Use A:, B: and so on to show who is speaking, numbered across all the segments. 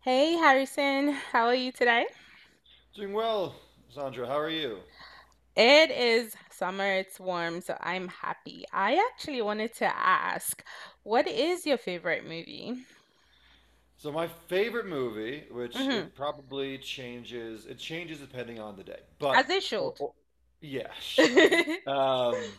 A: Hey Harrison, how are you today?
B: Doing well, Sandra. How are you?
A: It is summer, it's warm, so I'm happy. I actually wanted to ask, what is your favorite movie?
B: So my favorite movie, which
A: hmm
B: it probably changes, it changes depending on the day.
A: As
B: But
A: it
B: oh,
A: should.
B: oh, yeah, sure. Um,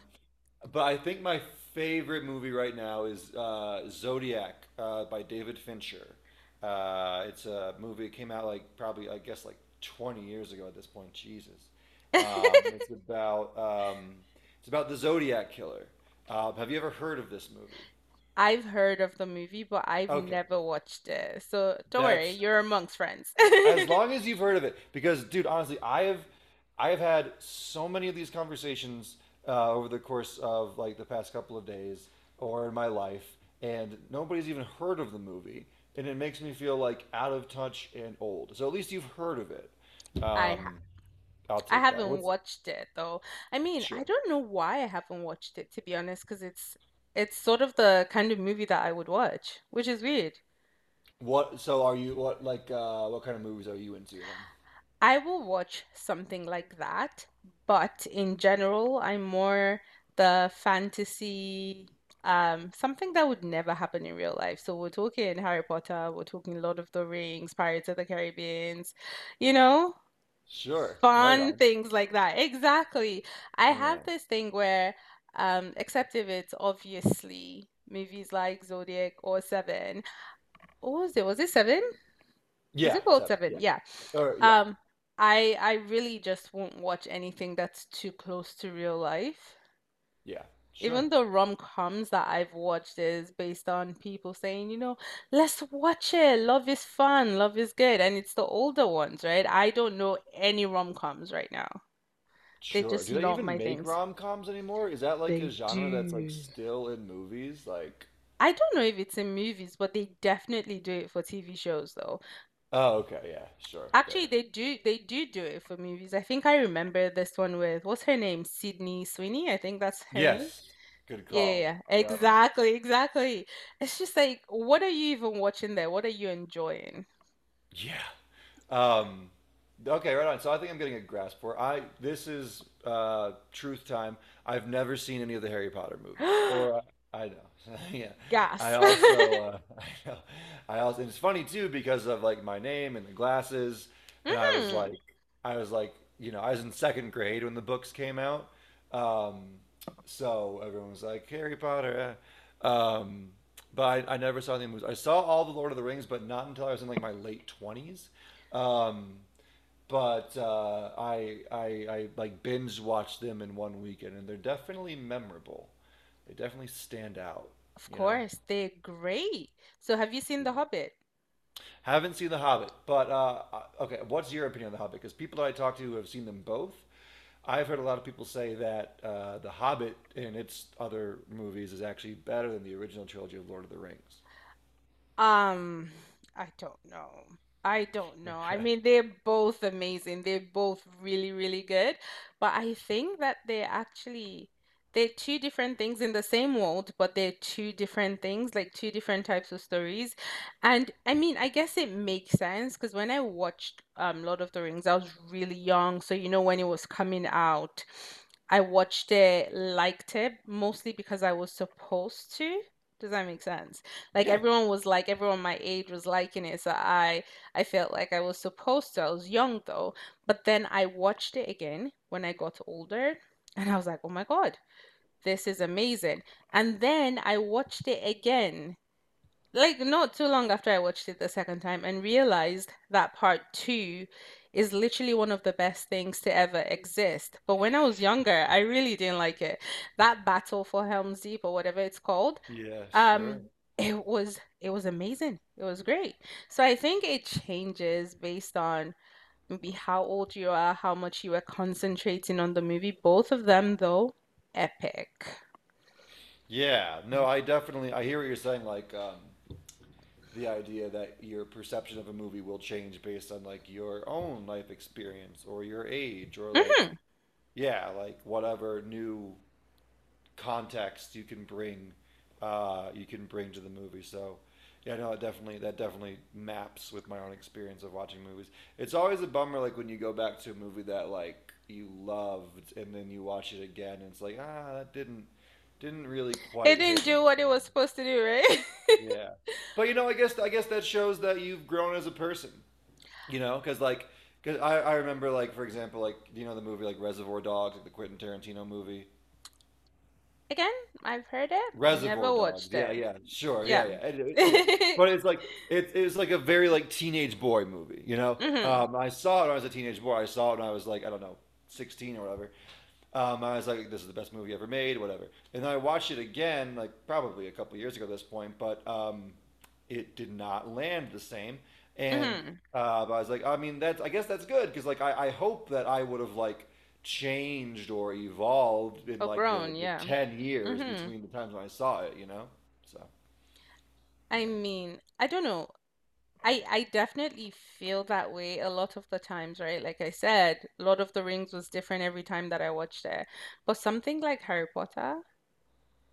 B: but I think my favorite movie right now is Zodiac by David Fincher. It's a movie. It came out like probably, I guess, like 20 years ago at this point. Jesus. It's about it's about the Zodiac killer. Have you ever heard of this movie?
A: I've heard of the movie, but I've
B: Okay,
A: never watched it. So don't worry,
B: that's
A: you're amongst friends.
B: as long as you've heard of it, because dude, honestly, I have had so many of these conversations over the course of like the past couple of days or in my life, and nobody's even heard of the movie, and it makes me feel like out of touch and old. So at least you've heard of it.
A: I ha
B: I'll
A: I
B: take that.
A: haven't
B: What's
A: watched it though. I mean, I
B: sure?
A: don't know why I haven't watched it to be honest, because it's sort of the kind of movie that I would watch, which is weird.
B: What? So are you what like what kind of movies are you into then?
A: I will watch something like that, but in general, I'm more the fantasy, something that would never happen in real life. So we're talking Harry Potter, we're talking Lord of the Rings, Pirates of the Caribbeans, you know,
B: Sure, right
A: fun
B: on.
A: things like that. Exactly. I have
B: Yeah.
A: this thing where, except if it's obviously movies like Zodiac or Seven. What was it? Was it Seven?
B: Yeah,
A: Zip code
B: seven.
A: seven.
B: Yeah.
A: Yeah.
B: Or yeah,
A: Um, I really just won't watch anything that's too close to real life.
B: yeah. Sure.
A: Even the rom-coms that I've watched is based on people saying, let's watch it. Love is fun, love is good. And it's the older ones, right? I don't know any rom-coms right now. They're
B: Sure.
A: just
B: Do they
A: not
B: even
A: my
B: make
A: things.
B: rom-coms anymore? Is that like a
A: They
B: genre that's like
A: do.
B: still in movies? Like,
A: I don't know if it's in movies, but they definitely do it for TV shows, though.
B: oh, okay, yeah, sure,
A: Actually,
B: fair.
A: they do it for movies. I think I remember this one with what's her name? Sydney Sweeney, I think that's her name.
B: Yes. Good
A: Yeah,
B: call.
A: yeah, yeah,
B: Yep.
A: exactly, exactly. It's just like, what are you even watching there? What are you enjoying?
B: Yeah. Um, okay, right on. So I think I'm getting a grasp for it. I This is truth time. I've never seen any of the Harry Potter movies, or I know. Yeah, I
A: Gasp.
B: also I know. I also. And it's funny too because of like my name and the glasses, and I was
A: hmm
B: like, I was like, you know, I was in second grade when the books came out. Um, so everyone was like Harry Potter. Eh. But I never saw any movies. I saw all the Lord of the Rings, but not until I was in like my late 20s. Um, but uh, I like binge watched them in one weekend, and they're definitely memorable. They definitely stand out.
A: Of
B: You know.
A: course, they're great. So, have you seen The
B: Yeah.
A: Hobbit?
B: Haven't seen The Hobbit, but okay. What's your opinion on The Hobbit? Because people that I talk to have seen them both, I've heard a lot of people say that The Hobbit and its other movies is actually better than the original trilogy of Lord of the Rings.
A: Um, I don't know. I don't know. I
B: Okay.
A: mean, they're both amazing. They're both really, really good. But I think that they're two different things in the same world, but they're two different things, like two different types of stories. And I mean, I guess it makes sense because when I watched Lord of the Rings, I was really young, so you know when it was coming out, I watched it, liked it, mostly because I was supposed to. Does that make sense? Like
B: Yeah.
A: everyone my age was liking it, so I felt like I was supposed to. I was young though, but then I watched it again when I got older, and I was like, "Oh my God, this is amazing." And then I watched it again, like not too long after I watched it the second time, and realized that part two is literally one of the best things to ever exist. But when I was younger, I really didn't like it. That battle for Helm's Deep or whatever it's called,
B: Yeah, sure.
A: um it was amazing, it was great. So I think it changes based on maybe how old you are, how much you were concentrating on the movie. Both of them though, epic.
B: Yeah. No, I hear what you're saying like the idea that your perception of a movie will change based on like your own life experience or your age or
A: Mhm.
B: like yeah, like whatever new context you can bring to the movie. So yeah, no, it definitely that definitely maps with my own experience of watching movies. It's always a bummer like when you go back to a movie that like you loved and then you watch it again and it's like ah that didn't really
A: It
B: quite
A: didn't
B: hit me."
A: do what it was supposed to do, right?
B: Yeah. But you know, I guess that shows that you've grown as a person. You know, because like, cause I remember like for example like you know the movie like Reservoir Dogs, like the Quentin Tarantino movie.
A: Again, I've heard it,
B: Reservoir
A: never
B: Dogs.
A: watched
B: Yeah,
A: it.
B: yeah, sure.
A: Yeah.
B: Yeah, yeah. Anyway.
A: Mhm.
B: But it's like it was like a very like teenage boy movie, you know? I saw it when I was a teenage boy. I saw it when I was like, I don't know, 16 or whatever. I was like, this is the best movie ever made, whatever. And then I watched it again, like probably a couple years ago at this point, but it did not land the same. And
A: Mhm.
B: but I was like, I mean, that's I guess that's good because like I hope that I would have like changed or evolved in
A: Or
B: like the,
A: grown,
B: the
A: yeah.
B: 10 years
A: Mhm.
B: between the times when I saw it, you know? So,
A: i
B: yeah.
A: mean i don't know I definitely feel that way a lot of the times, right? Like I said, Lord of the Rings was different every time that I watched it. But something like Harry Potter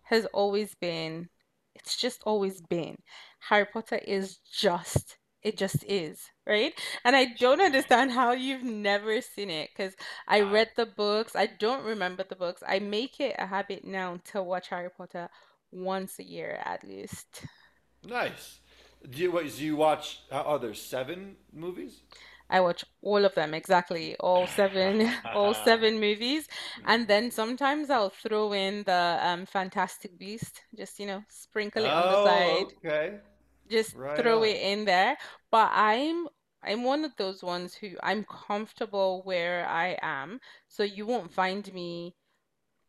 A: has always been, it's just always been. Harry Potter is just, it just is, right? And I don't understand how you've never seen it because I
B: I
A: read the books. I don't remember the books. I make it a habit now to watch Harry Potter once a year at least.
B: Nice. Do you, wait, so you watch are there seven movies?
A: I watch all of them, exactly, all seven, all seven movies. And then sometimes I'll throw in the Fantastic Beast, just, sprinkle it on the side,
B: Oh, okay.
A: just
B: Right
A: throw
B: on.
A: it in there. But I'm one of those ones who I'm comfortable where I am, so you won't find me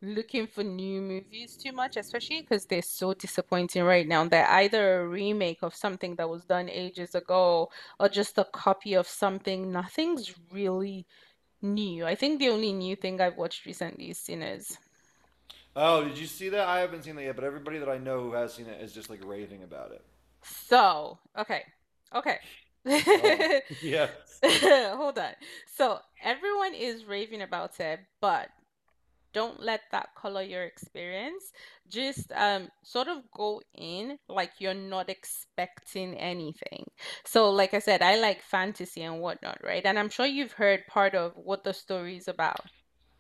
A: looking for new movies too much, especially because they're so disappointing right now. They're either a remake of something that was done ages ago or just a copy of something. Nothing's really new. I think the only new thing I've watched recently is Sinners.
B: Oh, did you see that? I haven't seen that yet, but everybody that I know who has seen it is just like raving about it.
A: So, okay, okay.
B: Go on. Yeah.
A: Hold on. So, everyone is raving about it, but don't let that color your experience. Just sort of go in like you're not expecting anything. So, like I said, I like fantasy and whatnot, right? And I'm sure you've heard part of what the story is about.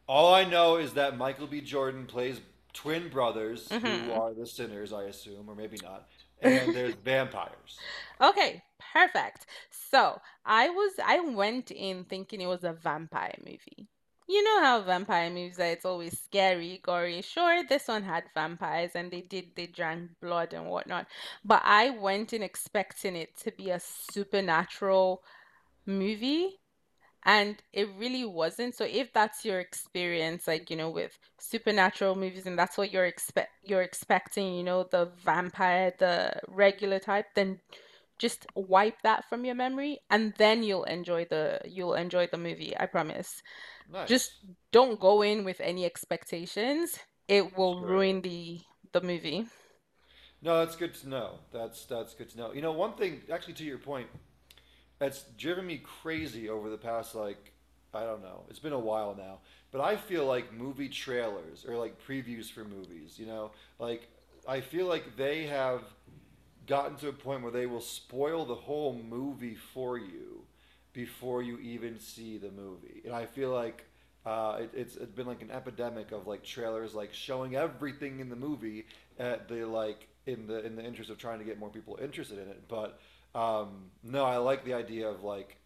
B: All I know is that Michael B. Jordan plays twin brothers who
A: hmm
B: are the sinners, I assume, or maybe not. And there's vampires.
A: Okay, perfect. I went in thinking it was a vampire movie. You know how vampire movies are, it's always scary, gory. Sure, this one had vampires and they drank blood and whatnot. But I went in expecting it to be a supernatural movie and it really wasn't. So if that's your experience, like, you know, with supernatural movies and that's what you're expecting, you know, the vampire, the regular type, then just wipe that from your memory and then you'll enjoy the movie, I promise. Just
B: Nice.
A: don't go in with any expectations. It will
B: Sure.
A: ruin the movie.
B: No, that's good to know. That's good to know. You know, one thing actually to your point, that's driven me crazy over the past like I don't know. It's been a while now, but I feel like movie trailers or like previews for movies, you know, like I feel like they have gotten to a point where they will spoil the whole movie for you before you even see the movie. And I feel like it's been like an epidemic of like trailers like showing everything in the movie at the like in the interest of trying to get more people interested in it. But no, I like the idea of like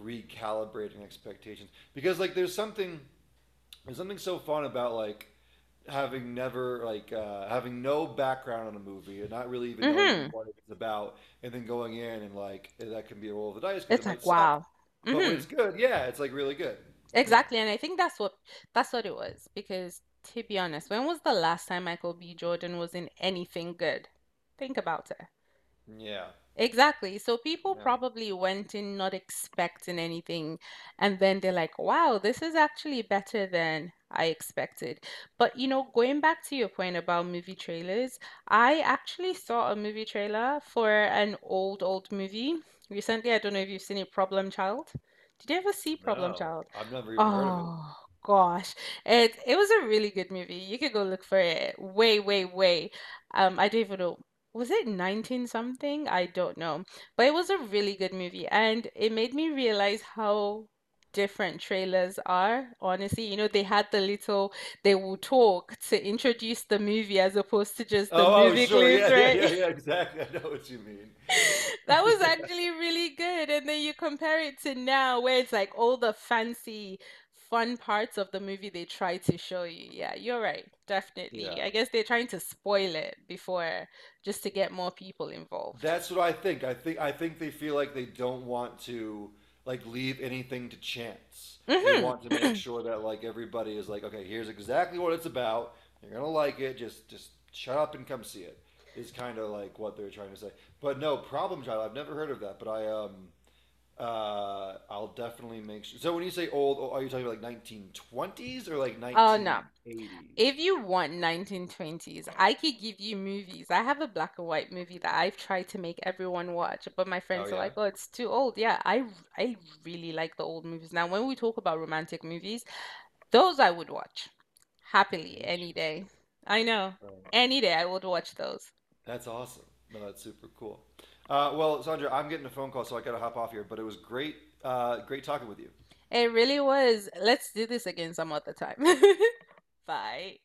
B: recalibrating expectations because like there's something so fun about like having never like having no background on a movie and not really even knowing
A: Mhm.
B: what it's about, and then going in and like eh, that can be a roll of the dice because it
A: It's
B: might
A: like,
B: suck,
A: wow.
B: but when it's
A: Mhm.
B: good, yeah, it's like really good. Yeah,
A: Exactly, and I think that's what it was because to be honest, when was the last time Michael B. Jordan was in anything good? Think about it.
B: yeah,
A: Exactly. So people
B: yeah.
A: probably went in not expecting anything. And then they're like, wow, this is actually better than I expected. But, you know, going back to your point about movie trailers, I actually saw a movie trailer for an old, old movie recently. I don't know if you've seen it, Problem Child. Did you ever see Problem
B: No,
A: Child?
B: I've never even heard of it.
A: Oh, gosh. It was a really good movie. You could go look for it way, way, way. I don't even know, was it 19 something? I don't know. But it was a really good movie and it made me realize how different trailers are. Honestly, you know, they had the little, they will talk to introduce the movie as opposed to just the
B: Oh, oh,
A: movie
B: sure,
A: clips,
B: yeah, yeah, yeah,
A: right?
B: yeah, exactly. I know what you mean.
A: That was
B: Yeah.
A: actually really good. And then you compare it to now where it's like all the fancy fun parts of the movie they try to show you. Yeah, you're right. Definitely.
B: Yeah.
A: I guess they're trying to spoil it before, just to get more people involved.
B: That's what I think. I think they feel like they don't want to like leave anything to chance. They
A: Mhm.
B: want to make sure that like everybody is like, okay, here's exactly what it's about. You're gonna like it. Just shut up and come see it. Is kind of like what they're trying to say. But no, Problem Child. I've never heard of that, but I'll definitely make sure. So when you say old, oh, are you talking about like 1920s or like
A: Oh no. If
B: 1980s?
A: you want 1920s, I could give you movies. I have a black and white movie that I've tried to make everyone watch, but my
B: Oh
A: friends are
B: yeah,
A: like, "Oh, it's too old." Yeah, I really like the old movies. Now, when we talk about romantic movies, those I would watch happily any day.
B: interesting.
A: I know.
B: Right.
A: Any day I would watch those.
B: That's awesome. No, that's super cool. Well, Sandra, I'm getting a phone call, so I got to hop off here. But it was great, great talking with you.
A: It really was. Let's do this again some other time. Bye.